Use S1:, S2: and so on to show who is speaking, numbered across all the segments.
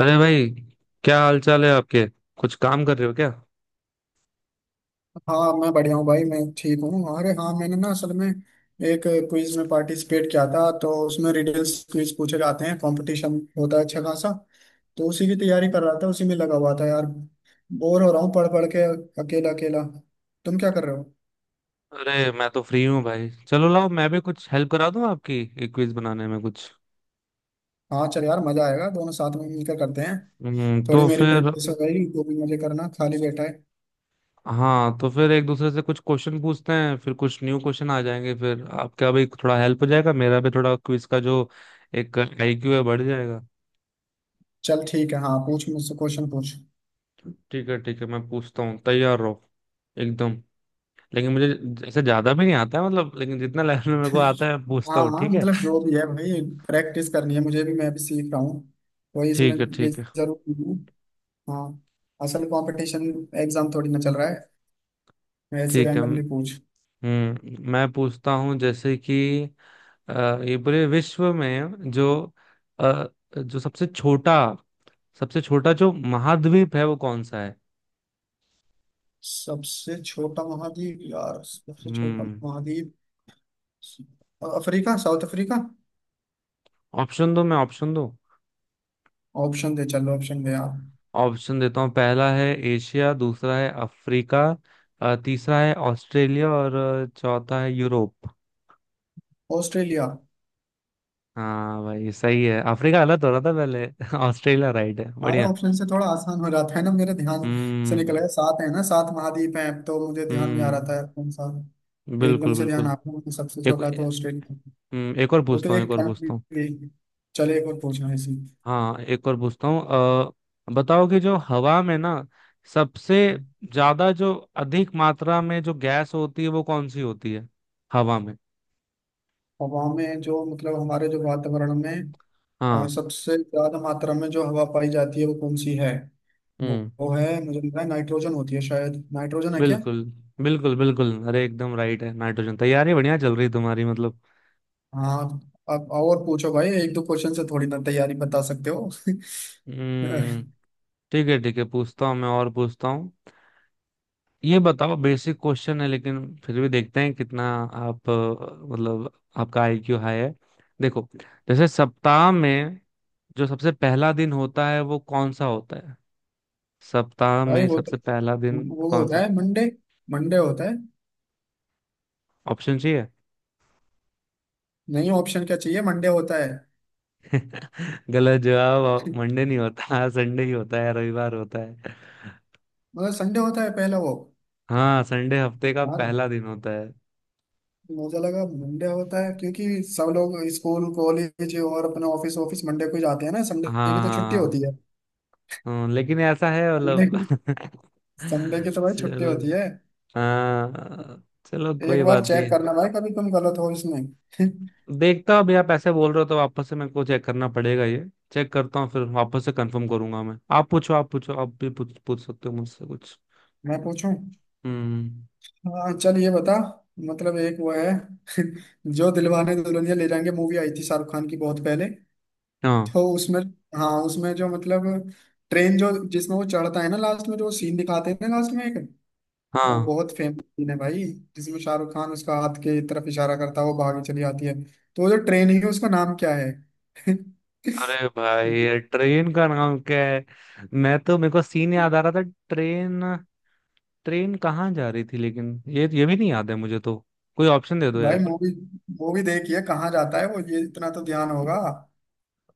S1: अरे भाई, क्या हाल चाल है आपके? कुछ काम कर रहे हो क्या?
S2: हाँ, मैं बढ़िया हूँ भाई। मैं ठीक हूँ। अरे हाँ, मैंने ना असल में एक क्विज में पार्टिसिपेट किया था। तो उसमें रिडल्स क्विज पूछे जाते हैं, कंपटीशन होता है अच्छा खासा। तो उसी की तैयारी कर रहा था, उसी में लगा हुआ था यार। बोर हो रहा हूँ पढ़ पढ़ के, अकेला अकेला। तुम क्या कर रहे हो?
S1: अरे मैं तो फ्री हूँ भाई। चलो लाओ, मैं भी कुछ हेल्प करा दूँ आपकी, एक क्विज बनाने में कुछ।
S2: हाँ चल यार, मजा आएगा, दोनों साथ में मिलकर करते हैं। थोड़ी
S1: तो
S2: मेरी
S1: फिर।
S2: प्रैक्टिस हो गई, जो भी मुझे करना, खाली बैठा है।
S1: हाँ, तो फिर एक दूसरे से कुछ क्वेश्चन पूछते हैं, फिर कुछ न्यू क्वेश्चन आ जाएंगे, फिर आपका भी थोड़ा हेल्प हो जाएगा, मेरा भी थोड़ा क्विज का जो एक आईक्यू है बढ़ जाएगा।
S2: चल ठीक है, हाँ पूछ, मुझसे क्वेश्चन पूछ।
S1: ठीक है, ठीक है, मैं पूछता हूँ, तैयार रहो एकदम। लेकिन मुझे ऐसे ज्यादा भी नहीं आता है मतलब, लेकिन जितना लेवल में मेरे को आता है मैं पूछता
S2: हाँ
S1: हूँ,
S2: हाँ,
S1: ठीक है,
S2: मतलब जो भी है भाई, प्रैक्टिस करनी है मुझे भी, मैं भी सीख रहा हूँ वही इसमें।
S1: ठीक है,
S2: ये
S1: ठीक है,
S2: जरूर हूँ। हाँ। असल कंपटीशन एग्जाम थोड़ी ना चल रहा है, ऐसे
S1: ठीक है।
S2: रैंडमली पूछ।
S1: मैं पूछता हूँ, जैसे कि अ, ये पूरे विश्व में जो अ, जो सबसे छोटा, सबसे छोटा जो महाद्वीप है वो कौन सा है?
S2: सबसे छोटा महाद्वीप, यार सबसे छोटा
S1: हम्म
S2: महाद्वीप। Africa, South Africa.
S1: ऑप्शन दो मैं, ऑप्शन दो।
S2: ऑप्शन दे, चलो ऑप्शन दे यार।
S1: ऑप्शन देता हूँ, पहला है एशिया, दूसरा है अफ्रीका, तीसरा है ऑस्ट्रेलिया, और चौथा है यूरोप।
S2: ऑस्ट्रेलिया।
S1: हाँ भाई, सही है। अफ्रीका गलत हो रहा था पहले। ऑस्ट्रेलिया राइट है,
S2: सारे
S1: बढ़िया।
S2: ऑप्शन से थोड़ा आसान हो जाता है ना, मेरे ध्यान से
S1: हम्म,
S2: निकल गया। सात है ना, सात महाद्वीप हैं, तो मुझे ध्यान में आ रहा
S1: हम्म,
S2: था कौन सा। एकदम
S1: बिल्कुल,
S2: से ध्यान
S1: बिल्कुल।
S2: आता है, सबसे
S1: एक,
S2: छोटा तो ऑस्ट्रेलिया।
S1: एक और
S2: वो तो
S1: पूछता हूँ, एक
S2: एक
S1: और
S2: कंट्री
S1: पूछता हूँ।
S2: थी। चलिए एक और पूछना इसी।
S1: हाँ, एक और पूछता हूँ। बताओ कि जो हवा में ना, सबसे ज्यादा, जो अधिक मात्रा में जो गैस होती है वो कौन सी होती है, हवा में?
S2: हवा में जो मतलब हमारे जो वातावरण में,
S1: हाँ।
S2: सबसे ज्यादा मात्रा में जो हवा पाई जाती है वो कौन सी है। वो,
S1: हम्म,
S2: वो है, मुझे लग रहा है नाइट्रोजन होती है, शायद नाइट्रोजन है क्या?
S1: बिल्कुल, बिल्कुल, बिल्कुल। अरे एकदम राइट है, नाइट्रोजन। तैयारी बढ़िया चल रही तुम्हारी, मतलब।
S2: हाँ। अब और पूछो भाई, एक दो क्वेश्चन से थोड़ी ना तैयारी बता सकते हो
S1: हम्म ठीक है, ठीक है, पूछता हूँ मैं, और पूछता हूँ। ये बताओ, बेसिक क्वेश्चन है लेकिन फिर भी देखते हैं कितना आप मतलब आपका आईक्यू हाई है। देखो, जैसे सप्ताह में जो सबसे पहला दिन होता है वो कौन सा होता है? सप्ताह
S2: भाई
S1: में
S2: वो तो,
S1: सबसे पहला दिन
S2: वो
S1: कौन सा
S2: होता है
S1: होता
S2: मंडे। मंडे होता है।
S1: है? ऑप्शन चाहिए?
S2: नहीं, ऑप्शन क्या चाहिए, मंडे होता है।
S1: गलत जवाब। मंडे नहीं होता, हाँ, संडे ही होता है, रविवार होता है।
S2: मतलब संडे होता है पहला वो।
S1: हाँ, संडे हफ्ते का
S2: यार
S1: पहला दिन होता है।
S2: मुझे लगा मंडे होता है, क्योंकि सब लोग स्कूल कॉलेज और अपना ऑफिस ऑफिस मंडे को ही जाते हैं ना, संडे
S1: हाँ,
S2: की तो छुट्टी
S1: हाँ, हाँ,
S2: होती है।
S1: हाँ, लेकिन ऐसा है
S2: संडे
S1: मतलब,
S2: की संडे की तो भाई छुट्टी
S1: चलो।
S2: होती है।
S1: हाँ, चलो कोई
S2: एक बार
S1: बात
S2: चेक
S1: नहीं।
S2: करना भाई, कभी तुम गलत हो इसमें।
S1: देखता हूँ, अभी आप ऐसे बोल रहे हो तो वापस से मेरे को चेक करना पड़ेगा ये। चेक करता हूँ, फिर वापस से कंफर्म करूंगा मैं। आप पूछो, आप पूछो, आप भी पूछ पूछ सकते हो मुझसे कुछ।
S2: मैं पूछूं?
S1: हम्म,
S2: हाँ चल, ये बता। मतलब एक वो है जो दिलवाने दुल्हनिया ले जाएंगे मूवी आई थी शाहरुख खान की बहुत पहले।
S1: हाँ,
S2: तो उसमें, हाँ उसमें जो मतलब, ट्रेन जो जिसमें वो चढ़ता है ना लास्ट में, जो सीन दिखाते हैं ना लास्ट में, एक और
S1: हाँ।
S2: बहुत फेमस सीन है भाई, जिसमें शाहरुख खान उसका हाथ के तरफ इशारा करता है, वो भागी चली आती है। तो वो जो ट्रेन ही है उसका नाम क्या है?
S1: अरे भाई, ये ट्रेन का नाम क्या है? मैं तो, मेरे को सीन याद आ रहा था। ट्रेन ट्रेन कहाँ जा रही थी, लेकिन ये भी नहीं याद है मुझे तो। कोई ऑप्शन दे दो
S2: भाई
S1: यार।
S2: मूवी मूवी देखिए कहाँ जाता है वो, ये इतना तो ध्यान होगा।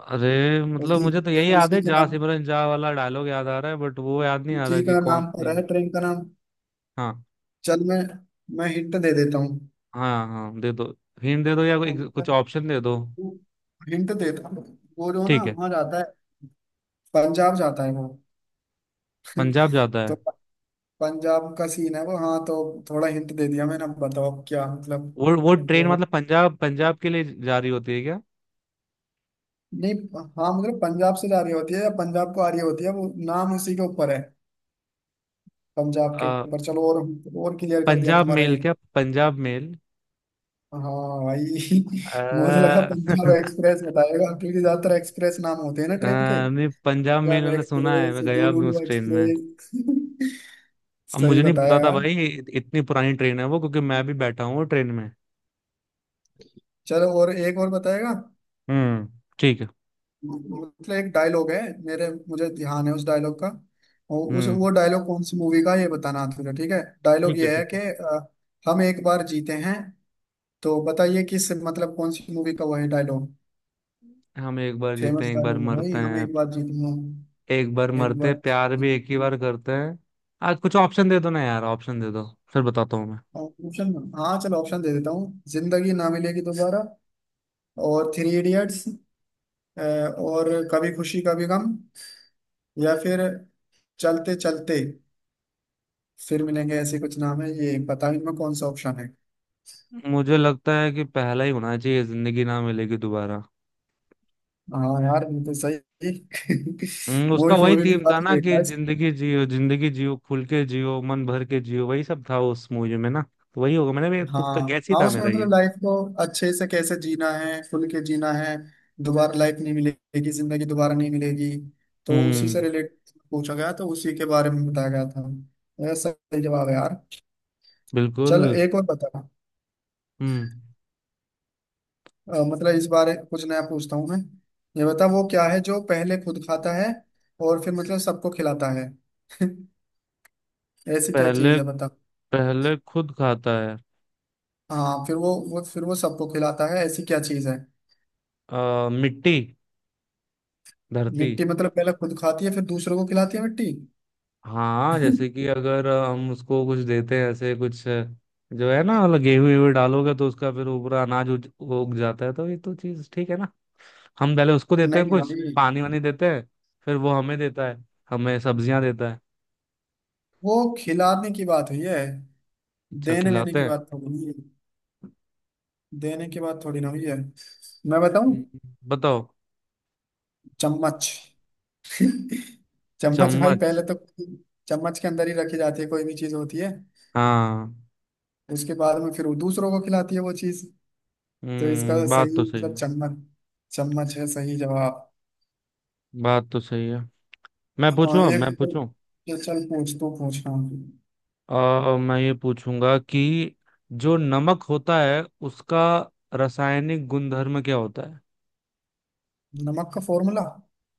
S1: अरे मतलब
S2: उसी
S1: मुझे तो यही याद
S2: उसी
S1: है,
S2: के
S1: जा
S2: नाम,
S1: सिमरन जा वाला डायलॉग याद आ रहा है, बट वो याद नहीं आ रहा
S2: उसी
S1: कि
S2: का
S1: कौन
S2: नाम पर
S1: सी।
S2: है ट्रेन का नाम।
S1: हाँ।
S2: चल मैं हिंट दे देता हूँ।
S1: हाँ, हाँ दे दो, हिंट दे दो या कुछ ऑप्शन दे दो।
S2: हिंट देता हूँ, वो जो ना
S1: ठीक है।
S2: वहाँ जाता है, पंजाब जाता है वो।
S1: पंजाब जाता
S2: तो
S1: है
S2: पंजाब का सीन है वो, हाँ। तो थोड़ा हिंट दे दिया मैंने, अब बताओ अब क्या मतलब।
S1: वो ट्रेन
S2: वो,
S1: मतलब पंजाब पंजाब के लिए जा रही होती है क्या?
S2: नहीं, हाँ मतलब पंजाब से जा रही होती है या पंजाब को आ रही होती है, वो नाम उसी के ऊपर है, पंजाब के
S1: आ,
S2: ऊपर चलो। और क्लियर कर दिया
S1: पंजाब
S2: तुम्हारा
S1: मेल?
S2: हिंट।
S1: क्या पंजाब मेल?
S2: हाँ भाई। मुझे लगा
S1: आ,
S2: पंजाब एक्सप्रेस बताएगा, क्योंकि ज्यादातर एक्सप्रेस नाम होते हैं ना ट्रेन के।
S1: मैं पंजाब मेल
S2: पंजाब
S1: मैंने सुना है,
S2: एक्सप्रेस
S1: मैं गया भी हूँ
S2: दुलुलु
S1: उस ट्रेन में।
S2: एक्सप्रेस।
S1: अब
S2: सही
S1: मुझे नहीं
S2: बताया
S1: पता था
S2: यार।
S1: भाई, इतनी पुरानी ट्रेन है वो, क्योंकि मैं भी बैठा हूँ वो ट्रेन में।
S2: चलो और एक और बताएगा।
S1: हम्म ठीक है।
S2: मतलब एक डायलॉग है, मेरे मुझे ध्यान है उस डायलॉग का। और उस
S1: हम्म
S2: वो डायलॉग कौन सी मूवी का है, ये बताना है तुझे, ठीक है? डायलॉग
S1: ठीक है,
S2: ये है
S1: ठीक
S2: कि
S1: है।
S2: हम एक बार जीते हैं। तो बताइए किस, मतलब कौन सी मूवी का वो है डायलॉग।
S1: हम एक बार जीते
S2: फेमस
S1: हैं, एक बार
S2: डायलॉग है भाई,
S1: मरते
S2: हम
S1: हैं,
S2: एक बार जीते हैं,
S1: एक बार
S2: एक
S1: मरते,
S2: बार।
S1: प्यार भी एक ही बार करते हैं। आज कुछ ऑप्शन दे दो ना यार, ऑप्शन दे दो, फिर बताता हूँ मैं।
S2: ऑप्शन, हाँ चलो ऑप्शन दे देता हूँ। जिंदगी ना मिलेगी दोबारा, और थ्री इडियट्स, और कभी खुशी कभी गम, या फिर चलते चलते, फिर मिलेंगे, ऐसे कुछ नाम है। ये पता भी इनमें कौन सा ऑप्शन है।
S1: मुझे लगता है कि पहला ही होना चाहिए, जिंदगी ना मिलेगी दोबारा।
S2: हाँ यार, बिल्कुल सही।
S1: उसका
S2: मूवी
S1: वही
S2: मूवी भी
S1: थीम था
S2: काफी
S1: ना
S2: देखा
S1: कि
S2: है।
S1: जिंदगी जियो, जिंदगी जियो, खुल के जियो, मन भर के जियो, वही सब था उस मूवी में ना। तो वही होगा, मैंने भी तुक्का,
S2: हाँ
S1: गैस ही
S2: हाँ,
S1: था
S2: उसमें
S1: मेरा ये।
S2: मतलब लाइफ को अच्छे से कैसे जीना है, खुल के जीना है, दोबारा लाइफ नहीं मिलेगी, जिंदगी दोबारा नहीं मिलेगी, तो उसी से
S1: हम्म,
S2: रिलेट पूछा गया, तो उसी के बारे में बताया गया था। यार सही जवाब है यार।
S1: बिल्कुल,
S2: चल एक और बता।
S1: हम्म,
S2: मतलब इस बारे कुछ नया पूछता हूँ मैं। ये बता वो क्या है जो पहले खुद खाता है
S1: हम्म।
S2: और फिर मतलब सबको खिलाता है। ऐसी क्या
S1: पहले
S2: चीज है बता।
S1: पहले खुद खाता है।
S2: हाँ फिर वो फिर वो सबको खिलाता है, ऐसी क्या चीज है।
S1: मिट्टी, धरती।
S2: मिट्टी? मतलब पहले खुद खाती है फिर दूसरों को खिलाती है मिट्टी?
S1: हाँ, जैसे कि अगर हम उसको कुछ देते हैं ऐसे कुछ, जो है ना मतलब, गेहूं वेहूं डालोगे तो उसका फिर ऊपर अनाज उग उग जाता है, तो ये तो चीज ठीक है ना। हम पहले उसको देते हैं
S2: नहीं
S1: कुछ
S2: भाई,
S1: पानी वानी देते हैं, फिर वो हमें देता है, हमें सब्जियां देता है।
S2: वो खिलाने की बात हुई है,
S1: अच्छा,
S2: देने वेने
S1: खिलाते
S2: की
S1: हैं।
S2: बात थोड़ी हुई है। देने की बात थोड़ी ना हुई है। मैं बताऊं?
S1: हम्म, बताओ।
S2: चम्मच। चम्मच भाई,
S1: चम्मच?
S2: पहले तो चम्मच के अंदर ही रखी जाती है, कोई भी चीज होती है।
S1: हाँ,
S2: उसके बाद में फिर वो दूसरों को खिलाती है वो चीज। तो इसका
S1: हम्म, बात तो
S2: सही
S1: सही
S2: मतलब
S1: है।
S2: चम्मच। चम्मच है सही जवाब।
S1: बात तो सही है। मैं
S2: हाँ
S1: पूछूं, अब
S2: एक
S1: मैं
S2: तो,
S1: पूछूं।
S2: ये चल पूछ, तू पूछ, हाँ।
S1: मैं ये पूछूंगा कि जो नमक होता है उसका रासायनिक गुणधर्म क्या होता है?
S2: नमक का फॉर्मूला?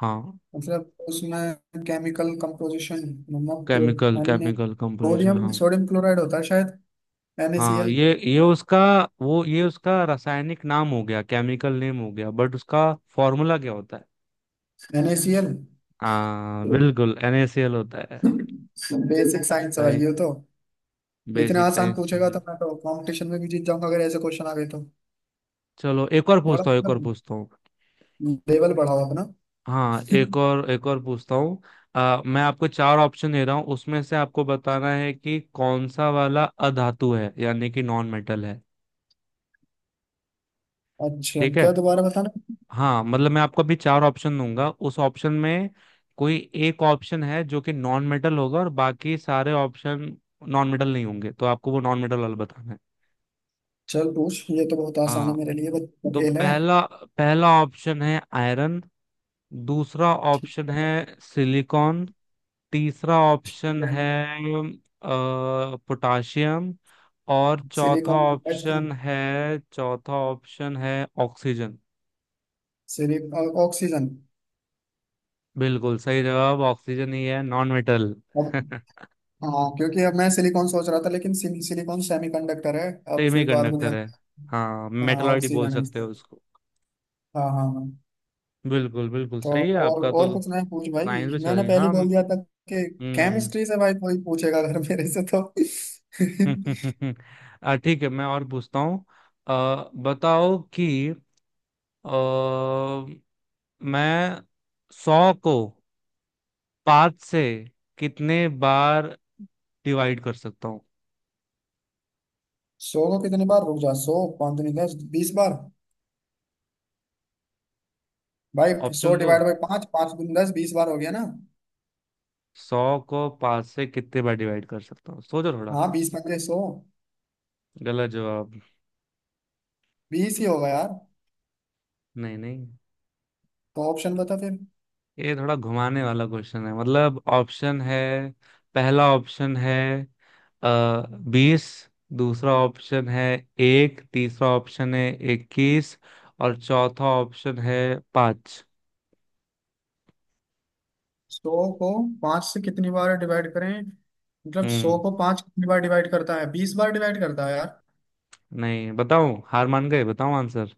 S1: हाँ।
S2: मतलब उसमें केमिकल कंपोजिशन। नमक।
S1: केमिकल
S2: अन्य,
S1: केमिकल कंपोजिशन,
S2: सोडियम
S1: हाँ।
S2: सोडियम क्लोराइड होता है शायद।
S1: हाँ,
S2: NaCl।
S1: ये उसका, वो ये उसका रासायनिक नाम हो गया, केमिकल नेम हो गया, बट उसका फॉर्मूला क्या होता है?
S2: NaCl।
S1: हाँ, बिल्कुल NaCl होता है।
S2: बेसिक साइंस है भाई
S1: सही,
S2: ये तो। इतने
S1: बेसिक
S2: आसान
S1: साइंस
S2: पूछेगा
S1: है।
S2: तो मैं तो कंपटीशन में भी जीत जाऊंगा, अगर ऐसे क्वेश्चन आ गए तो।
S1: चलो, एक और
S2: थोड़ा
S1: पूछता हूँ, एक और
S2: मतलब
S1: पूछता हूँ।
S2: लेवल बढ़ाओ अपना।
S1: हाँ, एक और पूछता हूँ। मैं आपको चार ऑप्शन दे रहा हूँ, उसमें से आपको बताना है कि कौन सा वाला अधातु है, यानी कि नॉन मेटल है।
S2: अच्छा
S1: ठीक है।
S2: क्या, दोबारा बताना।
S1: हाँ मतलब, मैं आपको अभी चार ऑप्शन दूंगा, उस ऑप्शन में कोई एक ऑप्शन है जो कि नॉन मेटल होगा, और बाकी सारे ऑप्शन नॉन मेटल नहीं होंगे, तो आपको वो नॉन मेटल वाला बताना है।
S2: चल पूछ, ये तो बहुत आसान है
S1: हाँ,
S2: मेरे लिए, बस
S1: तो
S2: खेल है।
S1: पहला पहला ऑप्शन है आयरन, दूसरा
S2: ठीक
S1: ऑप्शन है
S2: है।
S1: सिलिकॉन, तीसरा
S2: ठीक
S1: ऑप्शन
S2: है।
S1: है पोटाशियम, और चौथा
S2: सिलिकॉन।
S1: ऑप्शन है, चौथा ऑप्शन है ऑक्सीजन
S2: सिलिक ऑक्सीजन।
S1: बिल्कुल सही जवाब, ऑक्सीजन ही है नॉन मेटल।
S2: अब, हाँ क्योंकि अब मैं सिलिकॉन सोच रहा था, लेकिन सिलिकॉन सेमीकंडक्टर है। अब
S1: सेमी
S2: फिर बाद में
S1: कंडक्टर
S2: ध्यान,
S1: है। हाँ,
S2: हाँ
S1: मेटलॉइड बोल
S2: ऑक्सीजन है
S1: सकते
S2: इसका।
S1: हो उसको।
S2: हाँ हाँ हाँ।
S1: बिल्कुल, बिल्कुल
S2: तो
S1: सही है
S2: और
S1: आपका
S2: और
S1: तो।
S2: कुछ नहीं पूछ
S1: साइंस
S2: भाई,
S1: भी
S2: मैंने
S1: सही,
S2: पहले ही
S1: हाँ।
S2: बोल दिया था कि
S1: हम्म।
S2: केमिस्ट्री से भाई कोई पूछेगा अगर मेरे से तो
S1: ठीक है, मैं और पूछता हूँ। बताओ कि अ, मैं 100 को 5 से कितने बार डिवाइड कर सकता हूँ?
S2: सौ को कितने बार, रुक जा। 100, पाँच दूनी दस, 20 बार भाई। 100
S1: ऑप्शन दो।
S2: डिवाइड बाई पाँच, पाँच दूनी दस, बीस बार हो गया ना।
S1: 100 को पांच से कितने बार डिवाइड कर सकता हूँ, सोचो थोड़ा।
S2: हाँ 20 पंजे 100,
S1: गलत जवाब।
S2: 20 ही होगा यार।
S1: नहीं, नहीं,
S2: तो ऑप्शन बता फिर।
S1: ये थोड़ा घुमाने वाला क्वेश्चन है मतलब, ऑप्शन है। पहला ऑप्शन है 20, दूसरा ऑप्शन है एक, तीसरा ऑप्शन है 21, और चौथा ऑप्शन है 5।
S2: 100 को पांच से कितनी बार डिवाइड करें, मतलब 100
S1: हम्म,
S2: को पांच कितनी बार डिवाइड करता है, 20 बार डिवाइड करता है यार।
S1: नहीं बताऊं? हार मान गए? बताऊं आंसर?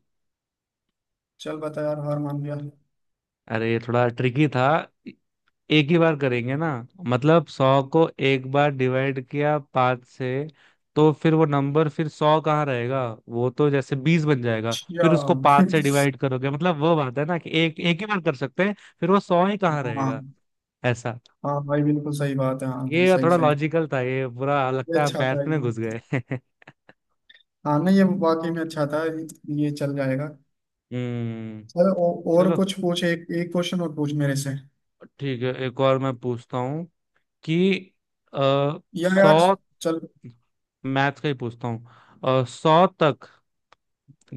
S2: चल बता यार, हार मान गया।
S1: अरे ये थोड़ा ट्रिकी था। एक ही बार करेंगे ना। मतलब 100 को एक बार डिवाइड किया 5 से, तो फिर वो नंबर, फिर 100 कहाँ रहेगा? वो तो जैसे 20 बन जाएगा।
S2: अच्छा।
S1: फिर उसको 5 से डिवाइड करोगे, मतलब वो बात है ना कि एक एक ही बार कर सकते हैं, फिर वो 100 ही कहाँ
S2: हाँ।
S1: रहेगा। ऐसा।
S2: हाँ भाई बिल्कुल सही बात है, हाँ हाँ
S1: ये
S2: सही
S1: थोड़ा
S2: सही।
S1: लॉजिकल था। ये बुरा
S2: ये
S1: लगता है आप
S2: अच्छा था
S1: मैथ में घुस
S2: ये।
S1: गए।
S2: हाँ नहीं ये वाकई में अच्छा था ये। ये चल जाएगा।
S1: हम्म,
S2: चल और
S1: चलो
S2: कुछ पूछ, एक एक क्वेश्चन और पूछ मेरे से।
S1: ठीक है, एक और मैं पूछता हूँ कि आ,
S2: या यार।
S1: 100,
S2: चल।
S1: मैथ का ही पूछता हूँ, 100 तक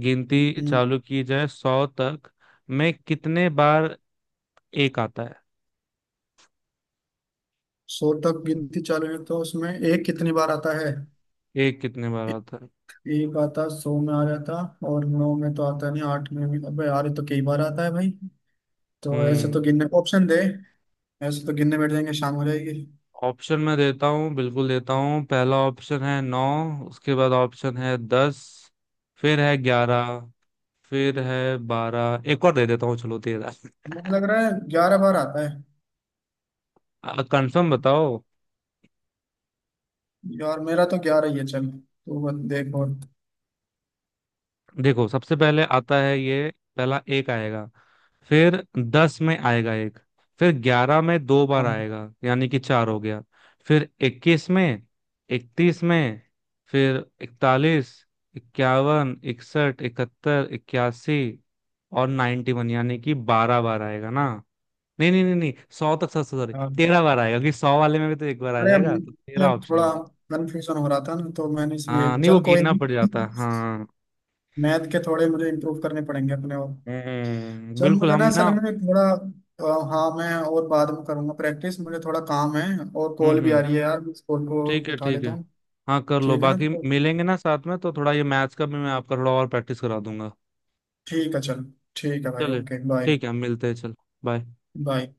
S1: गिनती
S2: हम्म।
S1: चालू की जाए, 100 तक में कितने बार एक आता है?
S2: 100 तक गिनती चालू है तो उसमें एक कितनी बार आता है?
S1: एक कितने बार आता है?
S2: एक आता, 100 में आ जाता, और नौ में तो आता नहीं, आठ में भी, अबे यार ये तो कई बार आता है भाई। तो ऐसे तो
S1: हम्म,
S2: गिनने, ऑप्शन दे। ऐसे तो गिनने बैठ जाएंगे, शाम हो जाएगी।
S1: ऑप्शन मैं देता हूँ, बिल्कुल देता हूँ। पहला ऑप्शन है नौ, उसके बाद ऑप्शन है 10, फिर है 11, फिर है 12, एक और दे देता हूँ चलो, 13।
S2: मुझे लग रहा है 11 बार आता है।
S1: कंफर्म बताओ।
S2: यार मेरा तो 11 ही है, चल तो बस, देख और।
S1: देखो, सबसे पहले आता है ये, पहला एक आएगा। फिर 10 में आएगा एक, फिर 11 में दो बार
S2: हाँ।
S1: आएगा, यानी कि चार हो गया। फिर 21 में, 31 में, फिर 41, 51, 61, 71, 81, और 91, यानी कि 12 बार आएगा ना। नहीं, नहीं, नहीं, नहीं, 100 तक, 100, सॉरी
S2: हाँ।
S1: 13 बार आएगा, क्योंकि 100 वाले में भी तो एक बार आ
S2: अरे
S1: जाएगा, तो 13
S2: मुझे
S1: ऑप्शन
S2: थोड़ा
S1: होगा।
S2: कन्फ्यूजन हो रहा था ना, तो मैंने इसलिए,
S1: हाँ, नहीं, वो
S2: चल कोई
S1: गिनना पड़
S2: नहीं।
S1: जाता है, हाँ।
S2: मैथ के थोड़े मुझे इम्प्रूव करने पड़ेंगे अपने और।
S1: हम्म,
S2: चल
S1: बिल्कुल,
S2: मुझे ना
S1: हम ना।
S2: असल में थोड़ा, अ, हाँ, मैं और बाद में करूँगा प्रैक्टिस, मुझे थोड़ा काम है और
S1: हम्म,
S2: कॉल भी आ
S1: हम्म,
S2: रही है यार, मैं इस कॉल को
S1: ठीक है,
S2: उठा
S1: ठीक
S2: लेता
S1: है।
S2: हूँ।
S1: हाँ, कर लो,
S2: ठीक है ना
S1: बाकी
S2: तो,
S1: मिलेंगे ना साथ में, तो थोड़ा ये मैथ्स का भी मैं आपका थोड़ा और प्रैक्टिस करा दूंगा।
S2: ठीक है चल, ठीक है भाई,
S1: चले,
S2: ओके बाय।
S1: ठीक है, हम मिलते हैं, चल, बाय।
S2: बाय।